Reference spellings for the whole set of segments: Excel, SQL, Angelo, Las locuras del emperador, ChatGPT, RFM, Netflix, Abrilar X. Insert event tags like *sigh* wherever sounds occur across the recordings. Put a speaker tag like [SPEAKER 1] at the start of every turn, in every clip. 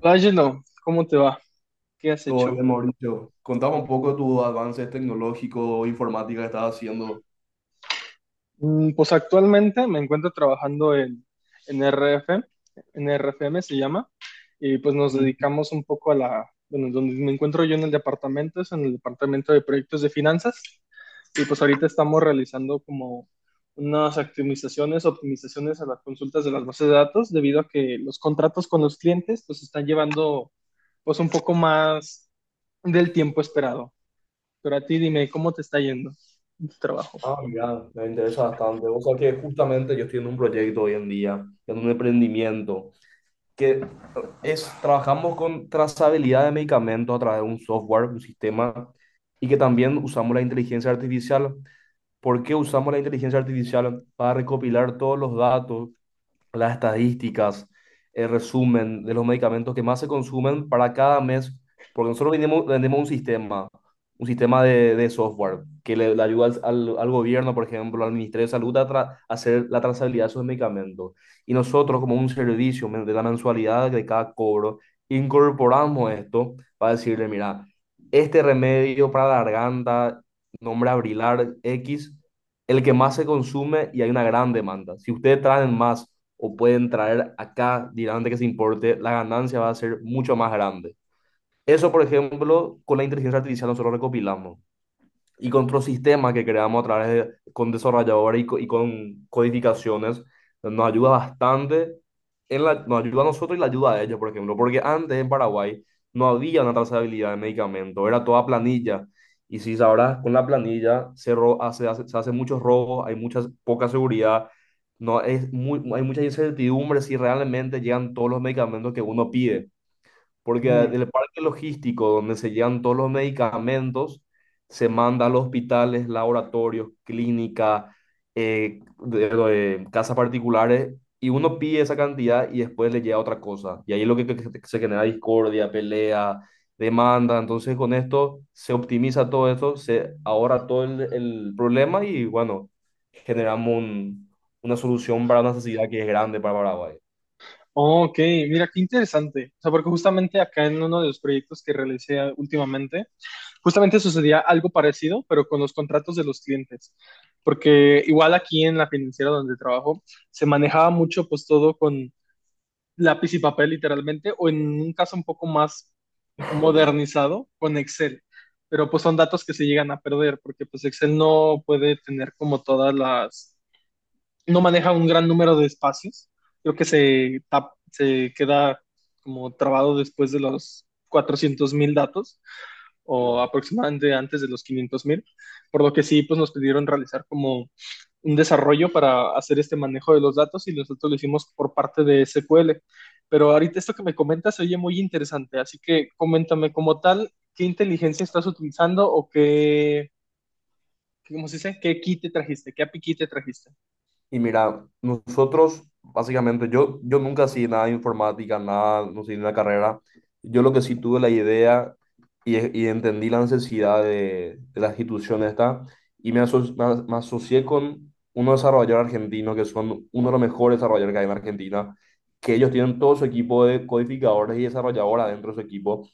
[SPEAKER 1] Hola, Angelo, ¿cómo te va? ¿Qué has
[SPEAKER 2] Todo
[SPEAKER 1] hecho?
[SPEAKER 2] bien, Mauricio. Contame un poco de tus avances tecnológicos, informática que estás haciendo.
[SPEAKER 1] Pues actualmente me encuentro trabajando en RF, en RFM se llama. Y pues nos
[SPEAKER 2] Mm.
[SPEAKER 1] dedicamos un poco a bueno, donde me encuentro yo en el departamento, es en el departamento de proyectos de finanzas, y pues ahorita estamos realizando como unas optimizaciones a las consultas de las bases de datos, debido a que los contratos con los clientes pues están llevando pues un poco más del tiempo esperado. Pero a ti dime, ¿cómo te está yendo en tu trabajo?
[SPEAKER 2] Ah, mira, me interesa bastante. O sea que justamente yo estoy en un proyecto hoy en día, en un emprendimiento, que eh, trabajamos con trazabilidad de medicamentos a través de un software, un sistema, y que también usamos la inteligencia artificial. ¿Por qué usamos la inteligencia artificial? Para recopilar todos los datos, las estadísticas, el resumen de los medicamentos que más se consumen para cada mes, porque nosotros vendemos un sistema de software que le ayuda al gobierno, por ejemplo, al Ministerio de Salud a hacer la trazabilidad de sus medicamentos. Y nosotros, como un servicio de la mensualidad de cada cobro, incorporamos esto para decirle: mira, este remedio para la garganta, nombre Abrilar X, el que más se consume y hay una gran demanda. Si ustedes traen más o pueden traer acá directamente que se importe, la ganancia va a ser mucho más grande. Eso, por ejemplo, con la inteligencia artificial nosotros recopilamos, y con otros sistemas que creamos a través de, con desarrolladores y con codificaciones, nos ayuda bastante, nos ayuda a nosotros y la ayuda a ellos, por ejemplo, porque antes en Paraguay no había una trazabilidad de medicamentos, era toda planilla. Y si sabrás, con la planilla se hacen muchos robos, hay mucha poca seguridad, no, hay mucha incertidumbre si realmente llegan todos los medicamentos que uno pide. Porque
[SPEAKER 1] Mm.
[SPEAKER 2] del parque logístico donde se llevan todos los medicamentos, se manda a los hospitales, laboratorios, clínica, de casas particulares, y uno pide esa cantidad y después le llega otra cosa. Y ahí es lo que se genera discordia, pelea, demanda. Entonces con esto se optimiza todo esto, se ahorra todo el problema y, bueno, generamos una solución para una necesidad que es grande para Paraguay.
[SPEAKER 1] Oh, ok, mira, qué interesante. O sea, porque justamente acá en uno de los proyectos que realicé últimamente, justamente sucedía algo parecido, pero con los contratos de los clientes. Porque igual aquí en la financiera donde trabajo, se manejaba mucho pues todo con lápiz y papel literalmente, o en un caso un poco más modernizado, con Excel. Pero pues son datos que se llegan a perder, porque pues Excel no puede tener como todas las no maneja un gran número de espacios. Creo que se queda como trabado después de los 400,000 datos o
[SPEAKER 2] Wow.
[SPEAKER 1] aproximadamente antes de los 500,000, por lo que sí, pues nos pidieron realizar como un desarrollo para hacer este manejo de los datos y nosotros lo hicimos por parte de SQL. Pero ahorita esto que me comentas se oye muy interesante, así que coméntame como tal, ¿qué inteligencia estás utilizando o ¿cómo se dice? ¿Qué kit te trajiste? ¿Qué API key te trajiste?
[SPEAKER 2] Y mira, nosotros, básicamente, yo nunca hacía nada de informática, nada, no sé, en la carrera. Yo lo que sí tuve la idea y entendí la necesidad de la institución esta, y me asocié con unos desarrolladores argentinos que son uno de los mejores desarrolladores que hay en Argentina, que ellos tienen todo su equipo de codificadores y desarrolladores dentro de su equipo.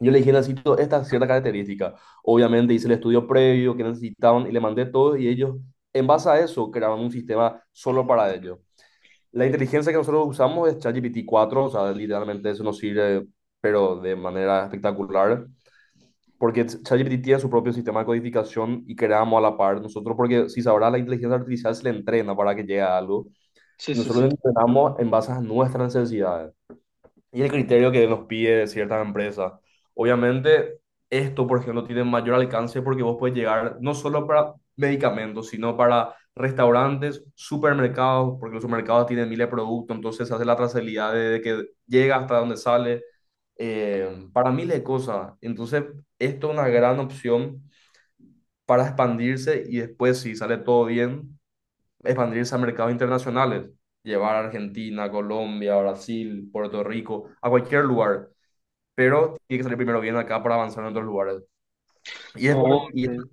[SPEAKER 2] Yo le dije: necesito esta cierta característica. Obviamente hice el estudio previo que necesitaban y le mandé todo y ellos, en base a eso, crearon un sistema solo para ellos. La inteligencia que nosotros usamos es ChatGPT 4, o sea, literalmente eso nos sirve, pero de manera espectacular, porque ChatGPT tiene su propio sistema de codificación y creamos a la par nosotros, porque si sabrá, la inteligencia artificial se le entrena para que llegue a algo.
[SPEAKER 1] Sí,
[SPEAKER 2] Y
[SPEAKER 1] sí,
[SPEAKER 2] nosotros le
[SPEAKER 1] sí.
[SPEAKER 2] entrenamos en base a nuestras necesidades y el criterio que nos pide ciertas empresas. Obviamente, esto, por ejemplo, tiene mayor alcance porque vos puedes llegar no solo para medicamentos, sino para restaurantes, supermercados, porque los supermercados tienen miles de productos, entonces se hace la trazabilidad de que llega hasta donde sale, para miles de cosas. Entonces, esto es una gran opción para expandirse y después, si sale todo bien, expandirse a mercados internacionales, llevar a Argentina, Colombia, Brasil, Puerto Rico, a cualquier lugar, pero tiene que salir primero bien acá para avanzar en otros lugares. Y después,
[SPEAKER 1] Oh,
[SPEAKER 2] y
[SPEAKER 1] ok.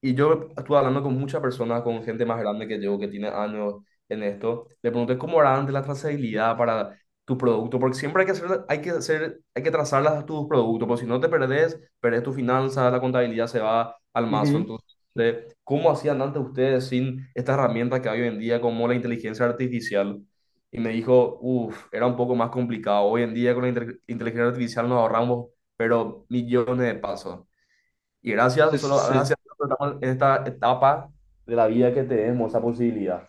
[SPEAKER 2] y yo estuve hablando con muchas personas, con gente más grande que yo, que tiene años en esto. Le pregunté cómo era antes la trazabilidad para tu producto, porque siempre hay que trazar tus productos, porque si no te perdés, perdés tu finanzas, la contabilidad se va al mazo.
[SPEAKER 1] Ujú.
[SPEAKER 2] Entonces, de ¿cómo hacían antes ustedes sin esta herramienta que hay hoy en día, como la inteligencia artificial? Y me dijo: uff, era un poco más complicado. Hoy en día con la inteligencia artificial nos ahorramos pero millones de pasos. Y gracias,
[SPEAKER 1] Sí, sí,
[SPEAKER 2] nosotros,
[SPEAKER 1] sí.
[SPEAKER 2] gracias, nosotros estamos en esta etapa de la vida que tenemos esa posibilidad.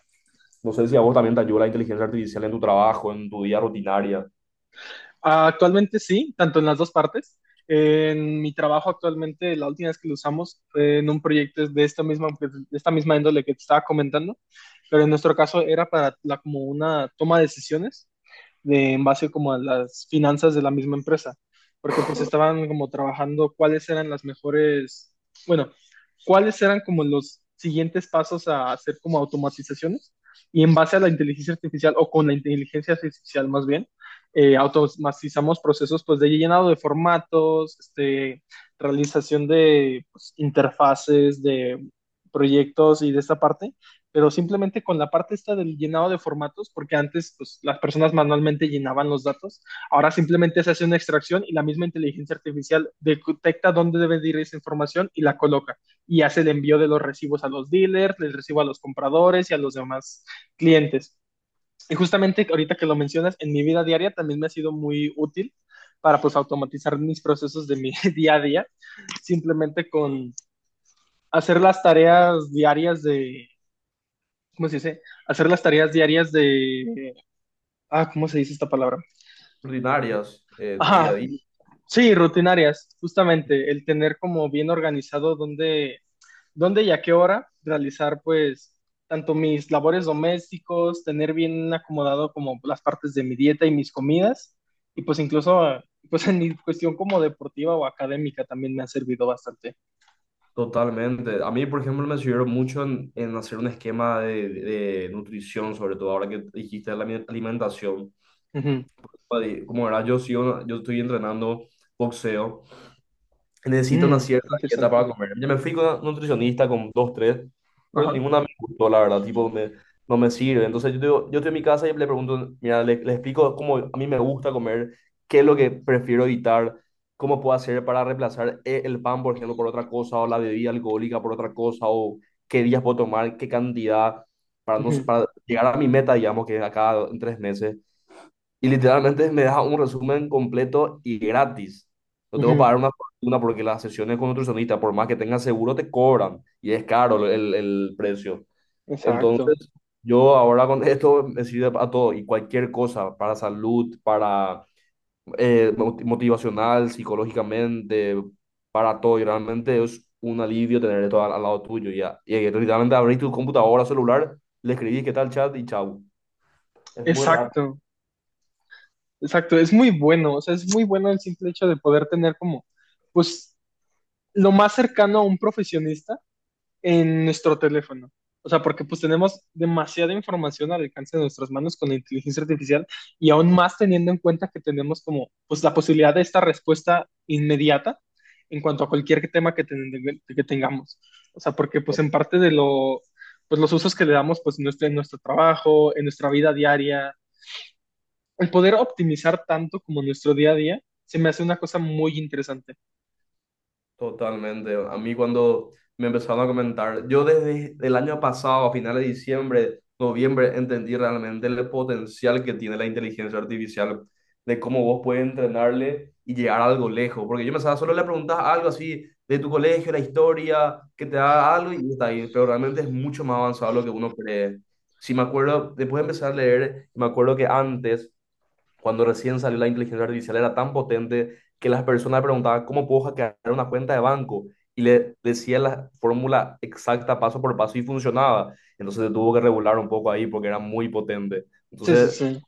[SPEAKER 2] No sé si a vos también te ayuda la inteligencia artificial en tu trabajo, en tu día rutinaria.
[SPEAKER 1] Actualmente sí, tanto en las dos partes. En mi trabajo actualmente, la última vez que lo usamos fue en un proyecto de esta misma índole que te estaba comentando, pero en nuestro caso era para como una toma de decisiones de, en base como a las finanzas de la misma empresa, porque pues estaban como trabajando cuáles eran las mejores, bueno, cuáles eran como los siguientes pasos a hacer como automatizaciones y en base a la inteligencia artificial o con la inteligencia artificial más bien, automatizamos procesos pues de llenado de formatos, este, realización de pues, interfaces, de proyectos y de esta parte, pero simplemente con la parte esta del llenado de formatos, porque antes pues, las personas manualmente llenaban los datos, ahora simplemente se hace una extracción y la misma inteligencia artificial detecta dónde debe de ir esa información y la coloca y hace el envío de los recibos a los dealers, les recibo a los compradores y a los demás clientes. Y justamente ahorita que lo mencionas, en mi vida diaria también me ha sido muy útil para pues automatizar mis procesos de mi *laughs* día a día, simplemente con hacer las tareas diarias de ¿cómo se dice? Hacer las tareas diarias de, ¿cómo se dice esta palabra?
[SPEAKER 2] Rutinarias, tu día a
[SPEAKER 1] Ajá,
[SPEAKER 2] día.
[SPEAKER 1] sí, rutinarias, justamente, el tener como bien organizado dónde y a qué hora realizar, pues, tanto mis labores domésticos, tener bien acomodado como las partes de mi dieta y mis comidas, y pues incluso, pues en mi cuestión como deportiva o académica también me ha servido bastante.
[SPEAKER 2] Totalmente. A mí, por ejemplo, me sirvió mucho en, hacer un esquema de nutrición, sobre todo ahora que dijiste la alimentación.
[SPEAKER 1] Ujú.
[SPEAKER 2] Como verás, yo estoy entrenando boxeo. Necesito una
[SPEAKER 1] Mm,
[SPEAKER 2] cierta dieta
[SPEAKER 1] interesante.
[SPEAKER 2] para comer. Ya me fui con una nutricionista, con dos, tres, pero
[SPEAKER 1] Ajá.
[SPEAKER 2] ninguna me gustó, la verdad, tipo, no me sirve. Entonces yo estoy en mi casa y le pregunto: mira, le explico cómo a mí me gusta comer, qué es lo que prefiero evitar, cómo puedo hacer para reemplazar el pan, por ejemplo, por otra cosa, o la bebida alcohólica por otra cosa, o qué días puedo tomar, qué cantidad, para, no,
[SPEAKER 1] Ujú,
[SPEAKER 2] para llegar a mi meta, digamos, que es acá en 3 meses. Y literalmente me deja un resumen completo y gratis. No tengo que
[SPEAKER 1] ujú.
[SPEAKER 2] pagar una fortuna porque las sesiones con nutricionista, por más que tengas seguro, te cobran y es caro el precio.
[SPEAKER 1] Exacto,
[SPEAKER 2] Entonces, yo ahora con *laughs* esto me sirve para todo y cualquier cosa, para salud, para motivacional, psicológicamente, para todo. Y realmente es un alivio tener esto al lado tuyo. Ya. Y literalmente abrir tu computadora, celular, le escribís qué tal chat y chau. Es muy rápido.
[SPEAKER 1] exacto. Exacto, es muy bueno, o sea, es muy bueno el simple hecho de poder tener como, pues, lo más cercano a un profesionista en nuestro teléfono. O sea, porque pues tenemos demasiada información al alcance de nuestras manos con la inteligencia artificial y aún más teniendo en cuenta que tenemos como, pues, la posibilidad de esta respuesta inmediata en cuanto a cualquier tema que tengamos. O sea, porque pues en parte de pues los usos que le damos pues en en nuestro trabajo, en nuestra vida diaria, el poder optimizar tanto como nuestro día a día se me hace una cosa muy interesante.
[SPEAKER 2] Totalmente. A mí cuando me empezaron a comentar, yo desde el año pasado, a finales de diciembre, noviembre, entendí realmente el potencial que tiene la inteligencia artificial, de cómo vos puedes entrenarle y llegar a algo lejos. Porque yo pensaba, solo le preguntas algo así de tu colegio, la historia, que te da algo y está ahí. Pero realmente es mucho más avanzado lo que uno cree. Si me acuerdo, después de empezar a leer, me acuerdo que antes, cuando recién salió la inteligencia artificial, era tan potente que las personas preguntaban cómo puedo hackear una cuenta de banco y le decía la fórmula exacta paso por paso y funcionaba. Entonces se tuvo que regular un poco ahí porque era muy potente.
[SPEAKER 1] Sí, sí,
[SPEAKER 2] Entonces,
[SPEAKER 1] sí.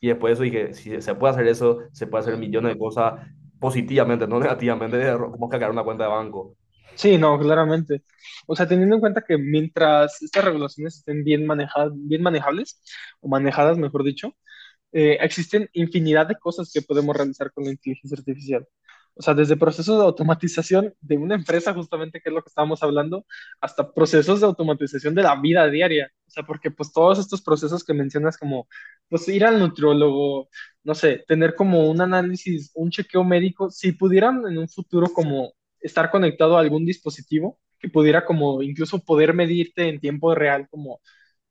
[SPEAKER 2] y después de eso dije, si se puede hacer eso, se puede hacer millones de cosas positivamente, no negativamente, de cómo hackear una cuenta de banco.
[SPEAKER 1] Sí, no, claramente. O sea, teniendo en cuenta que mientras estas regulaciones estén bien manejadas, bien manejables, o manejadas, mejor dicho, existen infinidad de cosas que podemos realizar con la inteligencia artificial. O sea, desde procesos de automatización de una empresa, justamente, que es lo que estábamos hablando, hasta procesos de automatización de la vida diaria. O sea, porque pues todos estos procesos que mencionas como, pues ir al nutriólogo, no sé, tener como un análisis, un chequeo médico, si pudieran en un futuro como estar conectado a algún dispositivo que pudiera como incluso poder medirte en tiempo real como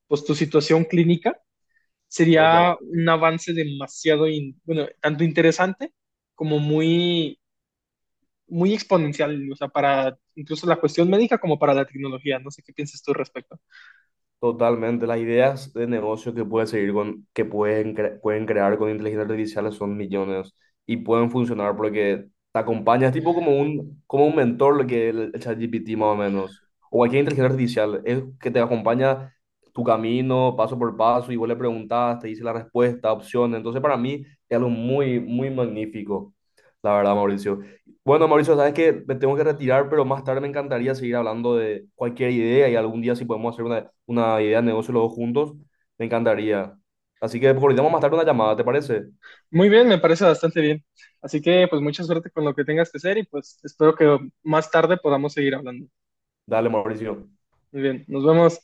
[SPEAKER 1] pues tu situación clínica,
[SPEAKER 2] Todo,
[SPEAKER 1] sería
[SPEAKER 2] todo.
[SPEAKER 1] un avance demasiado, bueno, tanto interesante como muy, muy exponencial, o sea, para incluso la cuestión médica como para la tecnología. No sé qué piensas tú al respecto.
[SPEAKER 2] Totalmente, las ideas de negocio que pueden seguir con, pueden crear con inteligencia artificial son millones y pueden funcionar porque te acompañas, tipo como un mentor. Lo que el ChatGPT más o menos, o cualquier inteligencia artificial, es que te acompaña tu camino paso por paso y vos le preguntás, te dice la respuesta, opciones. Entonces, para mí es algo muy, muy magnífico, la verdad, Mauricio. Bueno, Mauricio, sabes que me tengo que retirar, pero más tarde me encantaría seguir hablando de cualquier idea, y algún día, si podemos hacer una idea de negocio los dos juntos, me encantaría. Así que coordinamos más tarde una llamada, ¿te parece?
[SPEAKER 1] Muy bien, me parece bastante bien. Así que, pues, mucha suerte con lo que tengas que hacer y pues espero que más tarde podamos seguir hablando.
[SPEAKER 2] Dale, Mauricio.
[SPEAKER 1] Muy bien, nos vemos.